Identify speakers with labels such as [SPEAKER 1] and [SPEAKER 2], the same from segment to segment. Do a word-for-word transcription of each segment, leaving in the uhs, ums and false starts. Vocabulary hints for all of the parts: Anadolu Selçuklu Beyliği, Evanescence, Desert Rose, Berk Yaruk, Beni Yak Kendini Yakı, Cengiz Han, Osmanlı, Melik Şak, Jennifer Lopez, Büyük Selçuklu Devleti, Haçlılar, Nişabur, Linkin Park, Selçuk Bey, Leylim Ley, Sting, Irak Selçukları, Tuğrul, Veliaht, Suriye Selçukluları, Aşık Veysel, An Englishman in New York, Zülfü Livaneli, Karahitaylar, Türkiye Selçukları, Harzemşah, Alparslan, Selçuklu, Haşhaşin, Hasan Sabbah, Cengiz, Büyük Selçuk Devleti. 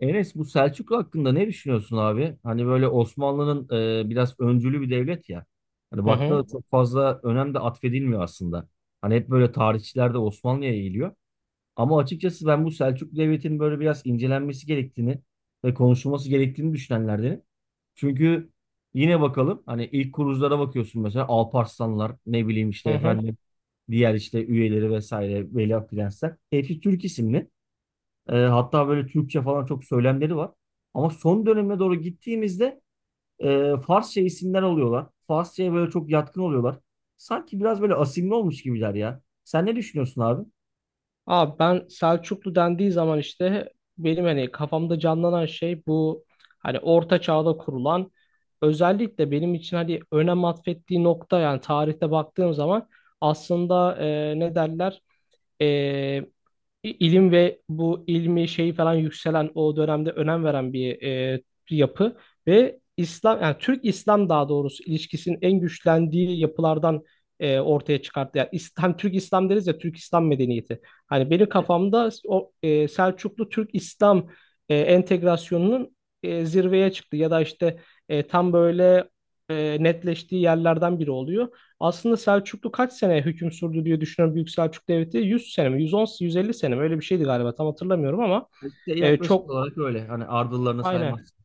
[SPEAKER 1] Enes bu Selçuklu hakkında ne düşünüyorsun abi? Hani böyle Osmanlı'nın e, biraz öncülü bir devlet ya. Hani
[SPEAKER 2] Hı
[SPEAKER 1] baktığında
[SPEAKER 2] hı.
[SPEAKER 1] da çok fazla önem de atfedilmiyor aslında. Hani hep böyle tarihçiler de Osmanlı'ya eğiliyor. Ama açıkçası ben bu Selçuklu devletinin böyle biraz incelenmesi gerektiğini ve konuşulması gerektiğini düşünenlerdenim. Çünkü yine bakalım hani ilk kuruluşlara bakıyorsun mesela Alparslanlar ne bileyim işte
[SPEAKER 2] Hı hı.
[SPEAKER 1] efendim diğer işte üyeleri vesaire Veliaht Prensler. Hepsi Türk isimli. E, hatta böyle Türkçe falan çok söylemleri var. Ama son döneme doğru gittiğimizde e, Farsça isimler alıyorlar. Farsça'ya böyle çok yatkın oluyorlar. Sanki biraz böyle asimli olmuş gibiler ya. Sen ne düşünüyorsun abi?
[SPEAKER 2] Abi ben Selçuklu dendiği zaman işte benim hani kafamda canlanan şey bu, hani orta çağda kurulan, özellikle benim için hani önem atfettiği nokta, yani tarihte baktığım zaman aslında e, ne derler, i- ilim ve bu ilmi şeyi falan yükselen o dönemde önem veren bir, e, bir yapı ve İslam, yani Türk İslam daha doğrusu ilişkisinin en güçlendiği yapılardan e, ortaya çıkarttı. Yani İslam, Türk İslam deriz ya, Türk İslam medeniyeti. Hani benim
[SPEAKER 1] Evet,
[SPEAKER 2] kafamda o e, Selçuklu Türk İslam e, entegrasyonunun e, zirveye çıktı ya da işte e, tam böyle e, netleştiği yerlerden biri oluyor. Aslında Selçuklu kaç sene hüküm sürdü diye düşünüyorum, Büyük Selçuk Devleti. yüz sene mi? yüz on, yüz elli sene mi? Öyle bir şeydi galiba. Tam hatırlamıyorum ama
[SPEAKER 1] işte
[SPEAKER 2] e,
[SPEAKER 1] yaklaşık
[SPEAKER 2] çok
[SPEAKER 1] olarak öyle. Hani ardıllarını
[SPEAKER 2] aynen.
[SPEAKER 1] saymazsın.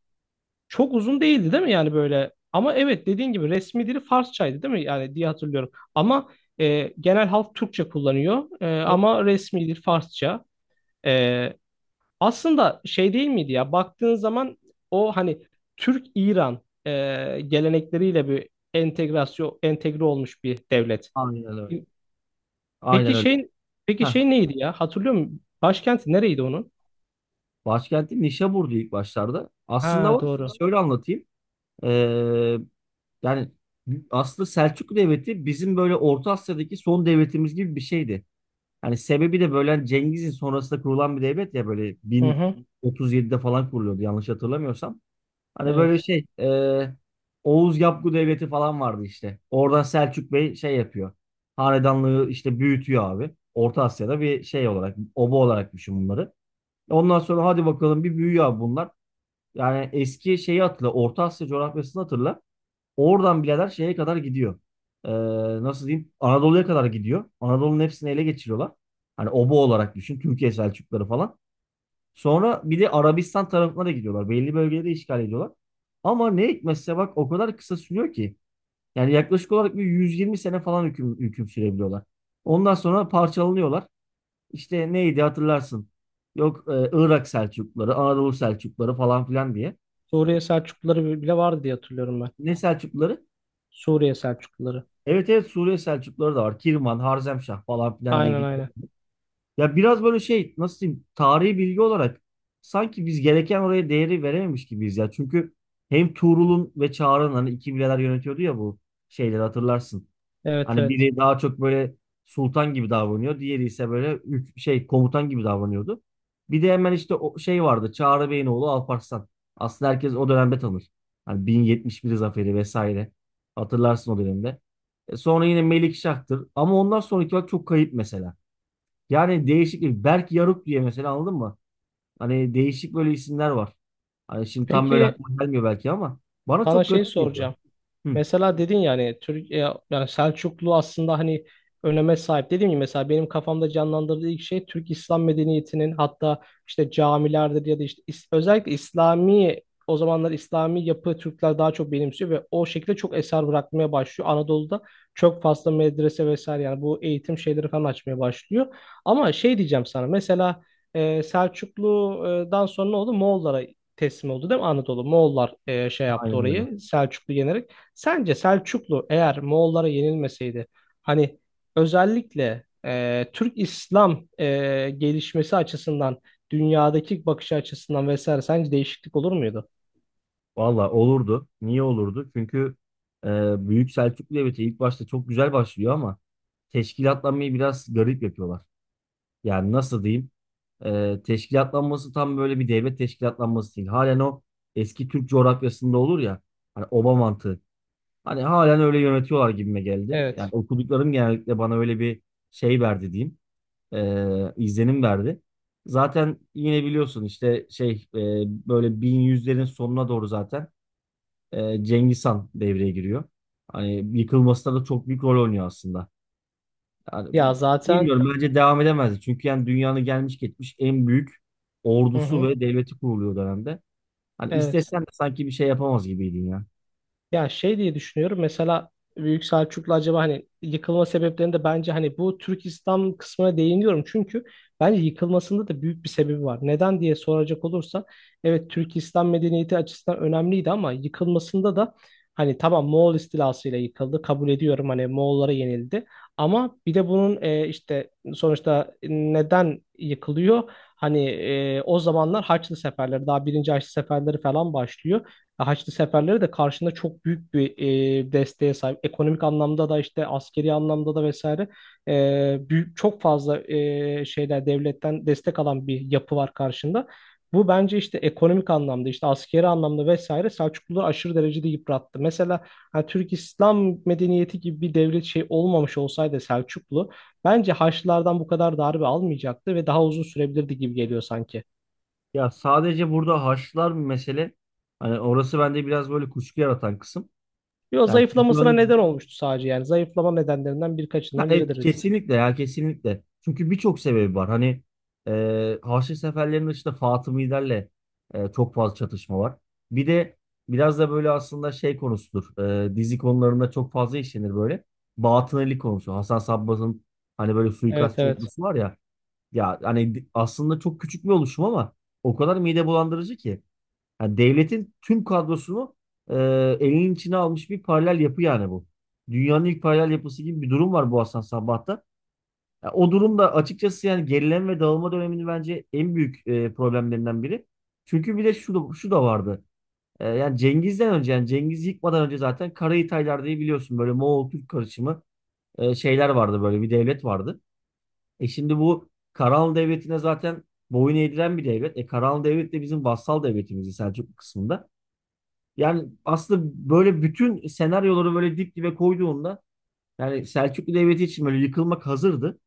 [SPEAKER 2] Çok uzun değildi değil mi yani böyle? Ama evet, dediğin gibi resmi dili Farsçaydı değil mi? Yani diye hatırlıyorum. Ama e, genel halk Türkçe kullanıyor. E,
[SPEAKER 1] Çok-
[SPEAKER 2] ama resmi dil Farsça. E, aslında şey değil miydi ya? Baktığın zaman o hani Türk-İran e, gelenekleriyle bir entegrasyon entegre olmuş bir devlet.
[SPEAKER 1] Aynen öyle. Aynen
[SPEAKER 2] Peki
[SPEAKER 1] öyle.
[SPEAKER 2] şey peki
[SPEAKER 1] Heh.
[SPEAKER 2] şey neydi ya? Hatırlıyor musun? Başkenti nereydi onun?
[SPEAKER 1] Başkenti Nişabur'du ilk başlarda. Aslında
[SPEAKER 2] Ha,
[SPEAKER 1] var.
[SPEAKER 2] doğru.
[SPEAKER 1] Şöyle anlatayım. Ee, Yani aslında Selçuklu Devleti bizim böyle Orta Asya'daki son devletimiz gibi bir şeydi. Hani sebebi de böyle hani Cengiz'in sonrasında kurulan bir devlet ya böyle
[SPEAKER 2] Hı hı.
[SPEAKER 1] bin otuz yedide falan kuruluyordu yanlış hatırlamıyorsam. Hani böyle
[SPEAKER 2] Evet.
[SPEAKER 1] şey e, Oğuz Yapgu Devleti falan vardı işte. Oradan Selçuk Bey şey yapıyor. Hanedanlığı işte büyütüyor abi. Orta Asya'da bir şey olarak, oba olarak düşün bunları. Ondan sonra hadi bakalım bir büyüyor abi bunlar. Yani eski şeyi hatırla, Orta Asya coğrafyasını hatırla. Oradan birader şeye kadar gidiyor. Ee, Nasıl diyeyim? Anadolu'ya kadar gidiyor. Anadolu'nun hepsini ele geçiriyorlar. Hani obo olarak düşün. Türkiye Selçukları falan. Sonra bir de Arabistan tarafına da gidiyorlar. Belli bölgeleri işgal ediyorlar. Ama ne hikmetse bak o kadar kısa sürüyor ki. Yani yaklaşık olarak bir yüz yirmi sene falan hüküm, hüküm sürebiliyorlar. Ondan sonra parçalanıyorlar. İşte neydi hatırlarsın. Yok e, Irak Selçukları, Anadolu Selçukları falan filan diye.
[SPEAKER 2] Suriye Selçukluları bile vardı diye hatırlıyorum ben.
[SPEAKER 1] Ne Selçukları?
[SPEAKER 2] Suriye Selçukluları.
[SPEAKER 1] Evet evet Suriye Selçukluları da var. Kirman, Harzemşah falan filan diye
[SPEAKER 2] Aynen,
[SPEAKER 1] gidiyor.
[SPEAKER 2] aynen.
[SPEAKER 1] Ya biraz böyle şey nasıl diyeyim tarihi bilgi olarak sanki biz gereken oraya değeri verememiş gibiyiz ya. Çünkü hem Tuğrul'un ve Çağrı'nın hani iki bileler yönetiyordu ya bu şeyleri hatırlarsın.
[SPEAKER 2] Evet,
[SPEAKER 1] Hani
[SPEAKER 2] evet.
[SPEAKER 1] biri daha çok böyle sultan gibi davranıyor. Diğeri ise böyle ük- şey komutan gibi davranıyordu. Bir de hemen işte o şey vardı Çağrı Bey'in oğlu Alparslan. Aslında herkes o dönemde tanır. Hani bin yetmiş bir zaferi vesaire. Hatırlarsın o dönemde. E, Sonra yine Melik Şak'tır. Ama ondan sonraki bak çok kayıp mesela. Yani değişik bir Berk Yaruk diye mesela anladın mı? Hani değişik böyle isimler var. Hani şimdi tam böyle
[SPEAKER 2] Peki
[SPEAKER 1] aklıma gelmiyor belki ama bana
[SPEAKER 2] sana
[SPEAKER 1] çok
[SPEAKER 2] şey
[SPEAKER 1] garip geliyor.
[SPEAKER 2] soracağım.
[SPEAKER 1] Hı,
[SPEAKER 2] Mesela dedin yani Türk, e, yani Selçuklu aslında hani öneme sahip. Dediğim gibi mesela benim kafamda canlandırdığı ilk şey Türk İslam medeniyetinin, hatta işte camilerdir ya da işte is- özellikle İslami, o zamanlar İslami yapı Türkler daha çok benimsiyor ve o şekilde çok eser bırakmaya başlıyor. Anadolu'da çok fazla medrese vesaire, yani bu eğitim şeyleri falan açmaya başlıyor. Ama şey diyeceğim sana mesela, e, Selçuklu'dan sonra ne oldu? Moğollara teslim oldu değil mi Anadolu? Moğollar e, şey yaptı
[SPEAKER 1] aynen öyle.
[SPEAKER 2] orayı, Selçuklu yenerek. Sence Selçuklu eğer Moğollara yenilmeseydi, hani özellikle e, Türk İslam e, gelişmesi açısından, dünyadaki bakış açısından vesaire sence değişiklik olur muydu?
[SPEAKER 1] Valla olurdu. Niye olurdu? Çünkü e, Büyük Selçuklu Devleti ilk başta çok güzel başlıyor ama teşkilatlanmayı biraz garip yapıyorlar. Yani nasıl diyeyim? E, teşkilatlanması tam böyle bir devlet teşkilatlanması değil. Halen o eski Türk coğrafyasında olur ya. Hani oba mantığı. Hani halen öyle yönetiyorlar gibime geldi. Yani
[SPEAKER 2] Evet.
[SPEAKER 1] okuduklarım genellikle bana öyle bir şey verdi diyeyim. Ee, izlenim verdi. Zaten yine biliyorsun işte şey e, böyle bin yüzlerin sonuna doğru zaten e, Cengiz Han devreye giriyor. Hani yıkılmasına da çok büyük rol oynuyor aslında. Yani
[SPEAKER 2] Ya zaten
[SPEAKER 1] bilmiyorum bence devam edemezdi. Çünkü yani dünyanın gelmiş geçmiş en büyük
[SPEAKER 2] hı
[SPEAKER 1] ordusu
[SPEAKER 2] hı.
[SPEAKER 1] ve devleti kuruluyor o dönemde. Hani
[SPEAKER 2] Evet.
[SPEAKER 1] istesen de sanki bir şey yapamaz gibiydin ya.
[SPEAKER 2] Ya şey diye düşünüyorum mesela, Büyük Selçuklu acaba hani, yıkılma sebeplerini de bence hani bu Türk İslam kısmına değiniyorum. Çünkü bence yıkılmasında da büyük bir sebebi var. Neden diye soracak olursa, evet Türk İslam medeniyeti açısından önemliydi ama yıkılmasında da hani, tamam Moğol istilasıyla yıkıldı, kabul ediyorum, hani Moğollara yenildi. Ama bir de bunun e, işte sonuçta neden yıkılıyor? Hani e, o zamanlar Haçlı seferleri, daha birinci Haçlı seferleri falan başlıyor. Haçlı seferleri de karşında çok büyük bir e, desteğe sahip. Ekonomik anlamda da işte, askeri anlamda da vesaire e, büyük, çok fazla e, şeyler devletten destek alan bir yapı var karşında. Bu bence işte ekonomik anlamda, işte askeri anlamda vesaire Selçukluları aşırı derecede yıprattı. Mesela hani Türk İslam medeniyeti gibi bir devlet şey olmamış olsaydı, Selçuklu bence Haçlılardan bu kadar darbe almayacaktı ve daha uzun sürebilirdi gibi geliyor sanki.
[SPEAKER 1] Ya sadece burada Haçlılar bir mesele. Hani orası bende biraz böyle kuşku yaratan kısım.
[SPEAKER 2] Yo,
[SPEAKER 1] Yani çünkü
[SPEAKER 2] zayıflamasına
[SPEAKER 1] hani,
[SPEAKER 2] neden olmuştu sadece yani. Zayıflama nedenlerinden
[SPEAKER 1] ha,
[SPEAKER 2] birkaçından
[SPEAKER 1] evet,
[SPEAKER 2] biridir.
[SPEAKER 1] kesinlikle ya kesinlikle. Çünkü birçok sebebi var. Hani e, Haçlı seferlerinin dışında Fatımilerle e, çok fazla çatışma var. Bir de biraz da böyle aslında şey konusudur. E, dizi konularında çok fazla işlenir böyle. Batınili konusu. Hasan Sabbah'ın hani böyle
[SPEAKER 2] Evet,
[SPEAKER 1] suikastçı
[SPEAKER 2] evet.
[SPEAKER 1] ordusu var ya. Ya hani aslında çok küçük bir oluşum ama o kadar mide bulandırıcı ki. Ha, devletin tüm kadrosunu e, elinin içine almış bir paralel yapı yani bu. Dünyanın ilk paralel yapısı gibi bir durum var bu Hasan Sabbah'ta. Ya, o durumda açıkçası yani gerileme ve dağılma döneminin bence en büyük e, problemlerinden biri. Çünkü bir de şu da, şu da vardı. E, yani Cengiz'den önce yani Cengiz yıkmadan önce zaten Karahitaylar diye biliyorsun böyle Moğol-Türk karışımı e, şeyler vardı böyle bir devlet vardı. E şimdi bu Karahanlı Devleti'ne zaten boyun eğdiren bir devlet. E Karahanlı Devlet de bizim vassal devletimizdi Selçuklu kısmında. Yani aslında böyle bütün senaryoları böyle dip dibe koyduğunda yani Selçuklu Devleti için böyle yıkılmak hazırdı.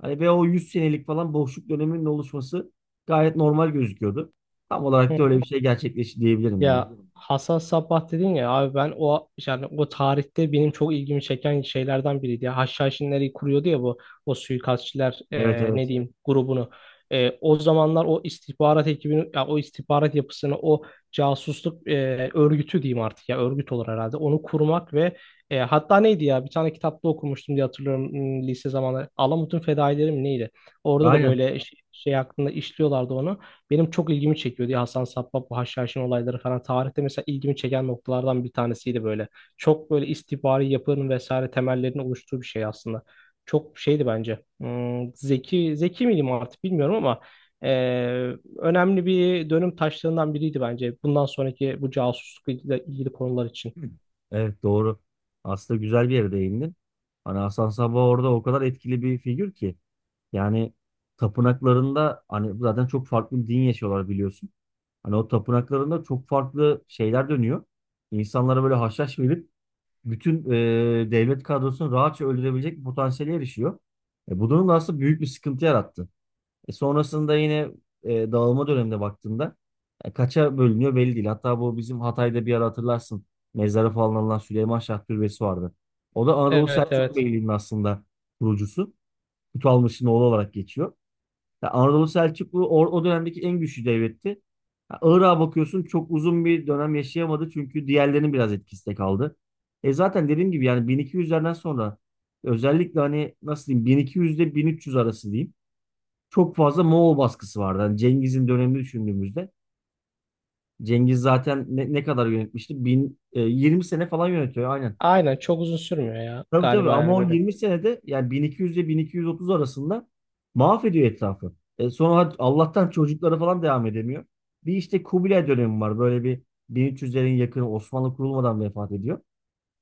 [SPEAKER 1] Hani ve o yüz senelik falan boşluk döneminin oluşması gayet normal gözüküyordu. Tam
[SPEAKER 2] Hı
[SPEAKER 1] olarak da öyle
[SPEAKER 2] hı.
[SPEAKER 1] bir şey gerçekleşti diyebilirim ya.
[SPEAKER 2] Ya, Hasan Sabbah dedin ya abi, ben o yani o tarihte benim çok ilgimi çeken şeylerden biriydi. Ya Haşhaşinleri kuruyordu ya bu, o suikastçiler,
[SPEAKER 1] Evet
[SPEAKER 2] e, ne
[SPEAKER 1] evet.
[SPEAKER 2] diyeyim, grubunu. E, o zamanlar o istihbarat ekibini, ya o istihbarat yapısını, o casusluk e, örgütü diyeyim artık, ya örgüt olur herhalde. Onu kurmak ve e, hatta neydi ya, bir tane kitapta okumuştum diye hatırlıyorum, hmm, lise zamanları. Alamut'un Fedaileri mi neydi? Orada da
[SPEAKER 1] Aynen.
[SPEAKER 2] böyle şey, şey hakkında işliyorlardı onu. Benim çok ilgimi çekiyor diye Hasan Sabbah, bu Haşhaşin olayları falan tarihte mesela ilgimi çeken noktalardan bir tanesiydi böyle. Çok böyle istihbari yapının vesaire temellerini oluşturduğu bir şey aslında. Çok şeydi bence. Hmm, zeki zeki miydim artık bilmiyorum ama eee, önemli bir dönüm taşlarından biriydi bence. Bundan sonraki bu casuslukla ilgili, ilgili konular için.
[SPEAKER 1] Evet doğru. Aslında güzel bir yere değindin. Hani Hasan Sabbah orada o kadar etkili bir figür ki. Yani tapınaklarında hani zaten çok farklı bir din yaşıyorlar biliyorsun. Hani o tapınaklarında çok farklı şeyler dönüyor. İnsanlara böyle haşhaş verip bütün e, devlet kadrosunu rahatça öldürebilecek bir potansiyele erişiyor. E, bu durum da aslında büyük bir sıkıntı yarattı. E, sonrasında yine e, dağılma dönemine baktığında e, kaça bölünüyor belli değil. Hatta bu bizim Hatay'da bir ara hatırlarsın mezara falan alınan Süleyman Şah Türbesi vardı. O da Anadolu
[SPEAKER 2] Evet,
[SPEAKER 1] Selçuklu
[SPEAKER 2] evet.
[SPEAKER 1] Beyliği'nin aslında kurucusu. Kutu Almış'ın oğlu olarak geçiyor. Ya Anadolu Selçuklu o, o dönemdeki en güçlü devletti. Ya Irak'a bakıyorsun çok uzun bir dönem yaşayamadı çünkü diğerlerinin biraz etkisi de kaldı. E zaten dediğim gibi yani bin iki yüzlerden sonra özellikle hani nasıl diyeyim bin iki yüz ile bin üç yüz arası diyeyim çok fazla Moğol baskısı vardı. Hani Cengiz'in dönemini düşündüğümüzde Cengiz zaten ne, ne kadar yönetmişti? Bin, e, yirmi sene falan yönetiyor aynen.
[SPEAKER 2] Aynen, çok uzun sürmüyor ya
[SPEAKER 1] Tabii tabii
[SPEAKER 2] galiba
[SPEAKER 1] ama
[SPEAKER 2] yani
[SPEAKER 1] o
[SPEAKER 2] böyle.
[SPEAKER 1] yirmi senede yani bin iki yüz ile bin iki yüz otuz arasında mahvediyor etrafı. E sonra hadi Allah'tan çocuklara falan devam edemiyor. Bir işte Kubilay dönemi var. Böyle bir bin üç yüzlerin yakını Osmanlı kurulmadan vefat ediyor.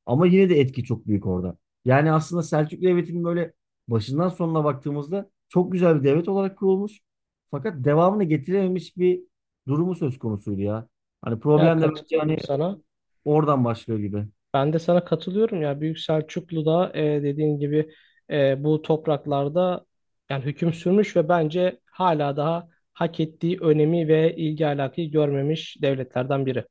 [SPEAKER 1] Ama yine de etki çok büyük orada. Yani aslında Selçuklu Devleti'nin böyle başından sonuna baktığımızda çok güzel bir devlet olarak kurulmuş. Fakat devamını getirememiş bir durumu söz konusuydu ya. Hani
[SPEAKER 2] Ya adı,
[SPEAKER 1] problem de bence hani
[SPEAKER 2] katılıyorum sana.
[SPEAKER 1] oradan başlıyor gibi.
[SPEAKER 2] Ben de sana katılıyorum ya. Büyük Selçuklu'da e, dediğin gibi e, bu topraklarda yani hüküm sürmüş ve bence hala daha hak ettiği önemi ve ilgi alakayı görmemiş devletlerden biri.